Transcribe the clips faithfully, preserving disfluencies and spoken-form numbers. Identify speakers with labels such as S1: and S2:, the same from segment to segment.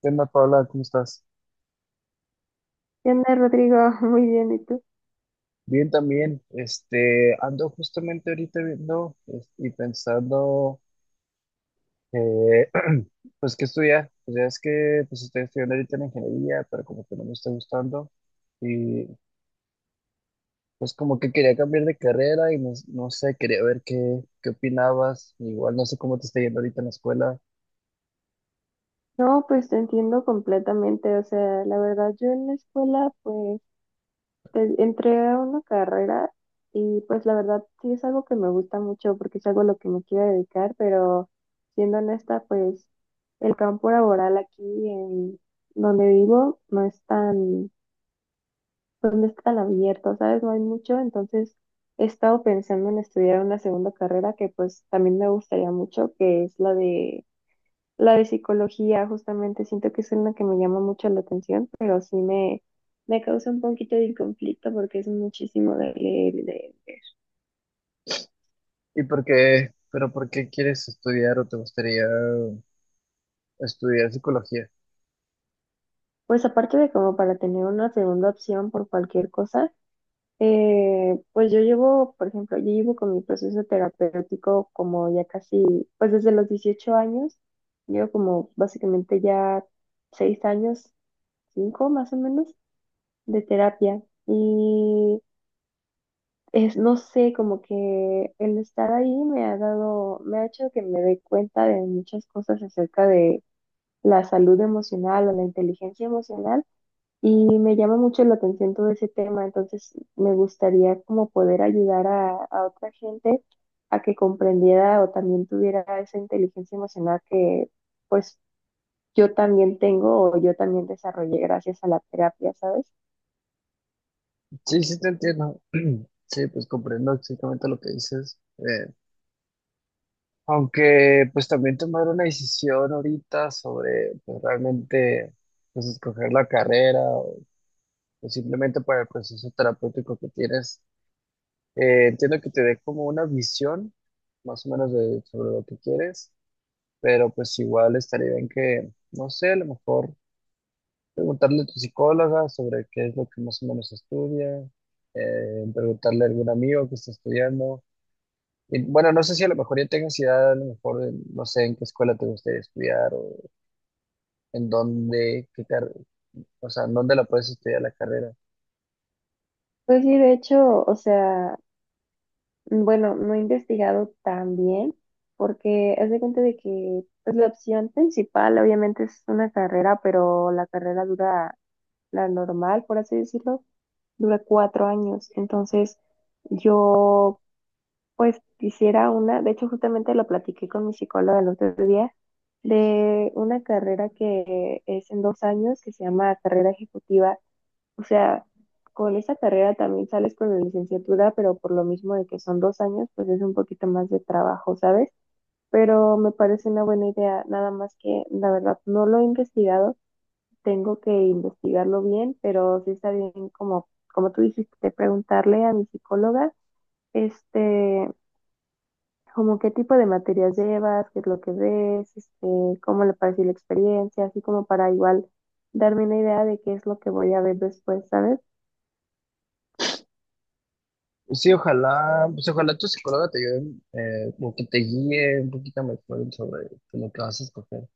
S1: ¿Qué onda, Paula? ¿Cómo estás?
S2: ¿Qué onda, Rodrigo? Muy bien, ¿y tú?
S1: Bien también. Este, ando justamente ahorita viendo es- y pensando, eh, pues, qué estudiar. Pues ya es que pues, estoy estudiando ahorita en ingeniería, pero como que no me está gustando. Y pues como que quería cambiar de carrera y no, no sé, quería ver qué, qué opinabas. Igual no sé cómo te está yendo ahorita en la escuela.
S2: No, pues te entiendo completamente. O sea, la verdad, yo en la escuela, pues, te- entré a una carrera y pues la verdad sí es algo que me gusta mucho porque es algo a lo que me quiero dedicar, pero siendo honesta, pues el campo laboral aquí en donde vivo no es tan, pues, no es tan abierto, ¿sabes? No hay mucho, entonces he estado pensando en estudiar una segunda carrera que pues también me gustaría mucho, que es la de La de psicología, justamente, siento que es una que me llama mucho la atención, pero sí me, me causa un poquito de conflicto porque es muchísimo de leer y de leer.
S1: ¿Y por qué? ¿Pero por qué quieres estudiar o te gustaría estudiar psicología?
S2: Pues aparte de como para tener una segunda opción por cualquier cosa, eh, pues yo llevo, por ejemplo, yo llevo con mi proceso terapéutico como ya casi, pues desde los dieciocho años, llevo como básicamente ya seis años, cinco más o menos, de terapia. Y es, no sé, como que el estar ahí me ha dado, me ha hecho que me dé cuenta de muchas cosas acerca de la salud emocional o la inteligencia emocional y me llama mucho la atención todo ese tema, entonces me gustaría como poder ayudar a, a otra gente a que comprendiera o también tuviera esa inteligencia emocional que pues yo también tengo o yo también desarrollé gracias a la terapia, ¿sabes?
S1: Sí, sí te entiendo. Sí, pues comprendo exactamente lo que dices. Eh, aunque pues también tomar una decisión ahorita sobre pues, realmente pues escoger la carrera o pues, simplemente para el proceso terapéutico que tienes, eh, entiendo que te dé como una visión más o menos de, sobre lo que quieres, pero pues igual estaría bien que, no sé, a lo mejor preguntarle a tu psicóloga sobre qué es lo que más o menos estudia, eh, preguntarle a algún amigo que está estudiando. Y, bueno, no sé si a lo mejor ya tengas idea, a lo mejor, eh, no sé en qué escuela te gustaría estudiar o en dónde, qué car- o sea, en dónde la puedes estudiar la carrera.
S2: Pues sí, de hecho, o sea, bueno, no he investigado tan bien porque haz de cuenta de que pues, la opción principal obviamente es una carrera, pero la carrera dura, la normal, por así decirlo, dura cuatro años. Entonces yo pues quisiera una, de hecho justamente lo platiqué con mi psicóloga el otro día, de una carrera que es en dos años que se llama carrera ejecutiva. O sea, con esa carrera también sales con la licenciatura, pero por lo mismo de que son dos años, pues es un poquito más de trabajo, ¿sabes? Pero me parece una buena idea, nada más que la verdad no lo he investigado, tengo que investigarlo bien, pero sí está bien como, como tú dijiste, preguntarle a mi psicóloga, este, como qué tipo de materias llevas, qué es lo que ves, este, cómo le pareció la experiencia, así como para igual darme una idea de qué es lo que voy a ver después, ¿sabes?
S1: Pues sí, ojalá, pues ojalá tu psicóloga te ayude, eh, como que te guíe un poquito mejor sobre pues, lo que vas a escoger.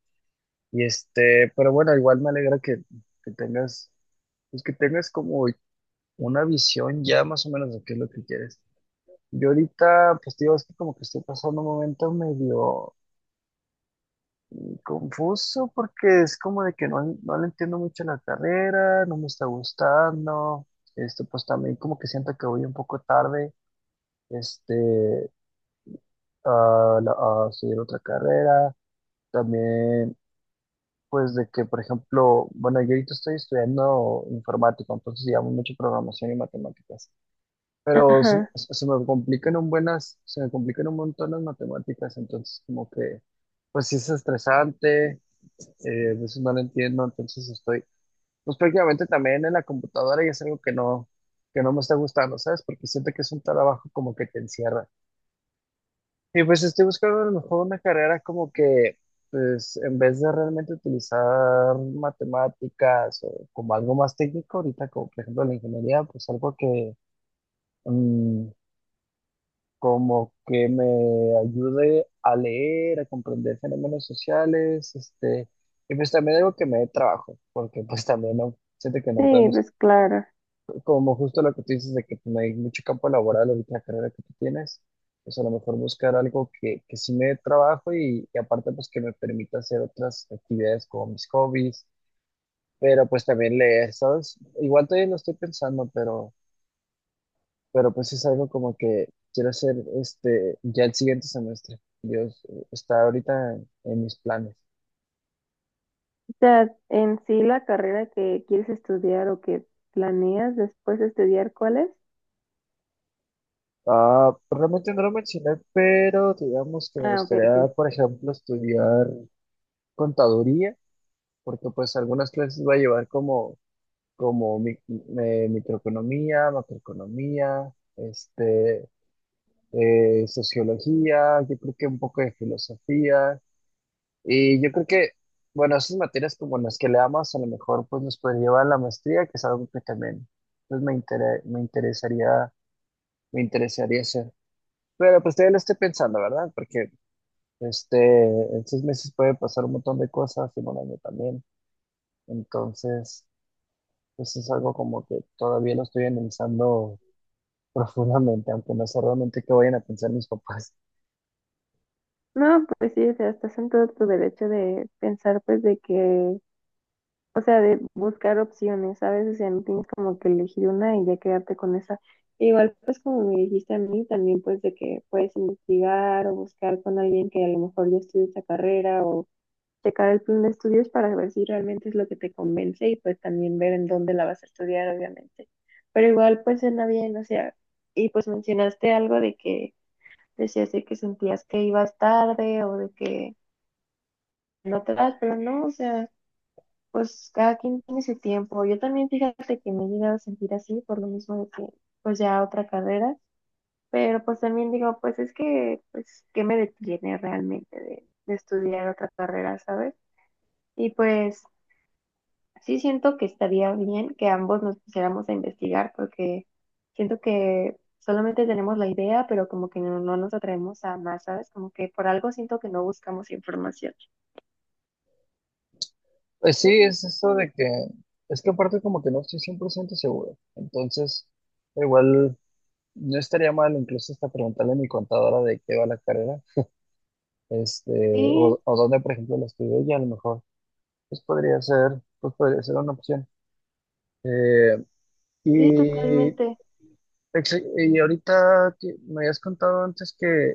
S1: Y este, pero bueno, igual me alegra que, que tengas, pues que tengas como una visión ya más o menos de qué es lo que quieres. Yo ahorita, pues te digo, es que como que estoy pasando un momento medio confuso porque es como de que no, no le entiendo mucho la carrera, no me está gustando, este, pues también como que siento que voy un poco tarde, este, a, la- a estudiar otra carrera, también pues de que, por ejemplo, bueno, yo ahorita estoy estudiando informática, entonces llevamos mucho programación y matemáticas, pero se,
S2: Ajá.
S1: se- se me complican un buenas, se me complican un montón las matemáticas, entonces como que, pues sí es estresante, eh, a veces no lo entiendo, entonces estoy pues prácticamente también en la computadora y es algo que no, que no me está gustando, ¿sabes? Porque siento que es un trabajo como que te encierra. Y pues estoy buscando a lo mejor una carrera como que, pues en vez de realmente utilizar matemáticas o como algo más técnico, ahorita como por ejemplo la ingeniería, pues algo que mm, como que me ayude a leer, a comprender fenómenos sociales, este, y pues también algo que me dé trabajo, porque pues también no, siento que no
S2: Sí,
S1: podemos
S2: pues claro.
S1: como justo lo que tú dices de que pues, no hay mucho campo laboral ahorita en la carrera que tú tienes, pues a lo mejor buscar algo que, que sí me dé trabajo y, y aparte pues que me permita hacer otras actividades como mis hobbies, pero pues también leer, ¿sabes? Igual todavía lo estoy pensando, pero, pero pues es algo como que quiero hacer este ya el siguiente semestre. Dios, eh, está ahorita en, en mis planes.
S2: O sea, en sí la carrera que quieres estudiar o que planeas después de estudiar, ¿cuál es?
S1: Ah, realmente no lo mencioné, pero digamos que me
S2: Ah, ok,
S1: gustaría,
S2: ok.
S1: por ejemplo, estudiar contaduría porque pues algunas clases va a llevar como, como mi- eh, microeconomía, macroeconomía, este, eh, sociología, yo creo que un poco de filosofía, y yo creo que, bueno, esas materias como las que le amas, a lo mejor pues nos puede llevar a la maestría, que es algo que también pues me intere- me interesaría, me interesaría hacer. Pero pues todavía lo estoy pensando, ¿verdad? Porque este, en seis meses puede pasar un montón de cosas, y un año también. Entonces. Pues es algo como que todavía lo estoy analizando profundamente, aunque no sé realmente qué vayan a pensar mis papás.
S2: No, pues sí, o sea, estás en todo tu derecho de pensar, pues, de que, o sea, de buscar opciones, ¿sabes? O sea, no tienes como que elegir una y ya quedarte con esa. Igual, pues, como me dijiste a mí, también, pues, de que puedes investigar o buscar con alguien que a lo mejor ya estudió esa carrera o checar el plan de estudios para ver si realmente es lo que te convence y pues también ver en dónde la vas a estudiar, obviamente. Pero igual pues suena bien, o sea, y pues mencionaste algo de que decías de que sentías que ibas tarde o de que no te das, pero no, o sea, pues cada quien tiene su tiempo. Yo también fíjate que me he llegado a sentir así por lo mismo de que pues ya otra carrera, pero pues también digo, pues es que pues qué me detiene realmente de, de estudiar otra carrera, ¿sabes? Y pues sí siento que estaría bien que ambos nos pusiéramos a investigar porque siento que solamente tenemos la idea, pero como que no, no nos atrevemos a más, ¿sabes? Como que por algo siento que no buscamos información.
S1: Pues sí, es eso de que, es que aparte como que no estoy cien por ciento seguro. Entonces, igual no estaría mal incluso hasta preguntarle a mi contadora de qué va la carrera, este, o,
S2: Sí,
S1: o dónde, por ejemplo, la estudié y a lo mejor, pues podría ser, pues podría ser una opción. Eh,
S2: sí,
S1: y
S2: totalmente.
S1: Ex- Y ahorita que me habías contado antes que, eh,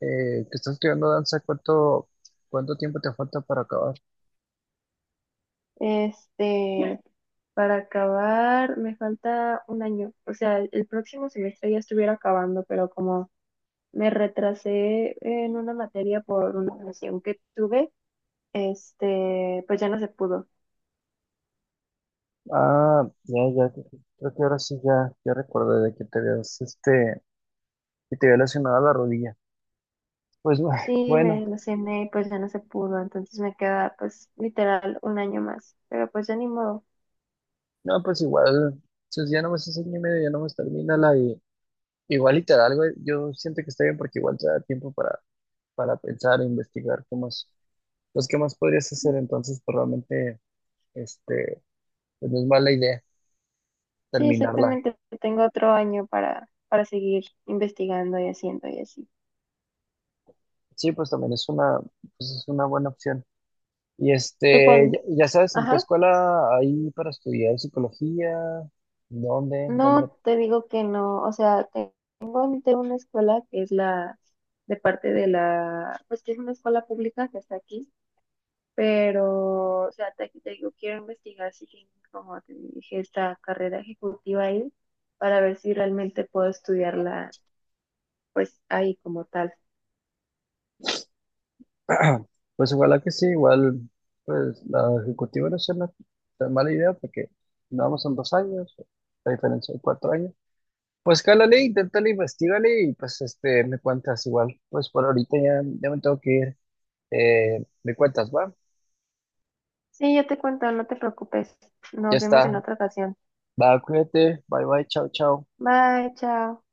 S1: que estás estudiando danza, ¿cuánto, cuánto tiempo te falta para acabar?
S2: Este, para acabar, me falta un año. O sea, el próximo semestre ya estuviera acabando, pero como me retrasé en una materia por una relación que tuve, este, pues ya no se pudo.
S1: Ah, ya, ya, creo que ahora sí ya, ya recordé de que te habías, este, que te había lesionado la rodilla. Pues bu-
S2: Sí, me
S1: bueno,
S2: desilusioné y pues ya no se pudo, entonces me queda pues literal un año más, pero pues ya ni modo.
S1: no, pues igual, si ya no me haces año y medio, ya no me termina la y igual y te algo, yo siento que está bien porque igual te da tiempo para, para pensar e investigar qué más, pues qué más podrías hacer entonces, pues realmente, este, pues no es mala idea.
S2: Sí,
S1: Terminarla.
S2: exactamente, tengo otro año para, para seguir investigando y haciendo y así.
S1: Sí, pues también es una, pues es una buena opción. Y
S2: ¿Tú
S1: este, ya,
S2: cuándo?
S1: ya sabes, ¿en qué
S2: Ajá,
S1: escuela hay para estudiar psicología? ¿Dónde? ¿Dónde?
S2: no te digo que no, o sea, te- tengo ante una escuela que es la de parte de la, pues que es una escuela pública que está aquí. Pero, o sea, te, te digo, quiero investigar si tienen, como te dije, esta carrera ejecutiva ahí para ver si realmente puedo estudiarla, pues ahí como tal.
S1: la- Pues igual que sí, igual, pues la ejecutiva no es una tan mala idea porque vamos son dos años, la diferencia de cuatro años. Pues cálale, inténtale, investigale y pues este, me cuentas igual. Pues por ahorita ya, ya me tengo que ir. Eh, me cuentas, va.
S2: Sí, yo te cuento, no te preocupes.
S1: Ya
S2: Nos vemos
S1: está.
S2: en otra ocasión.
S1: Va, cuídate. Bye bye, chao, chao.
S2: Bye, chao.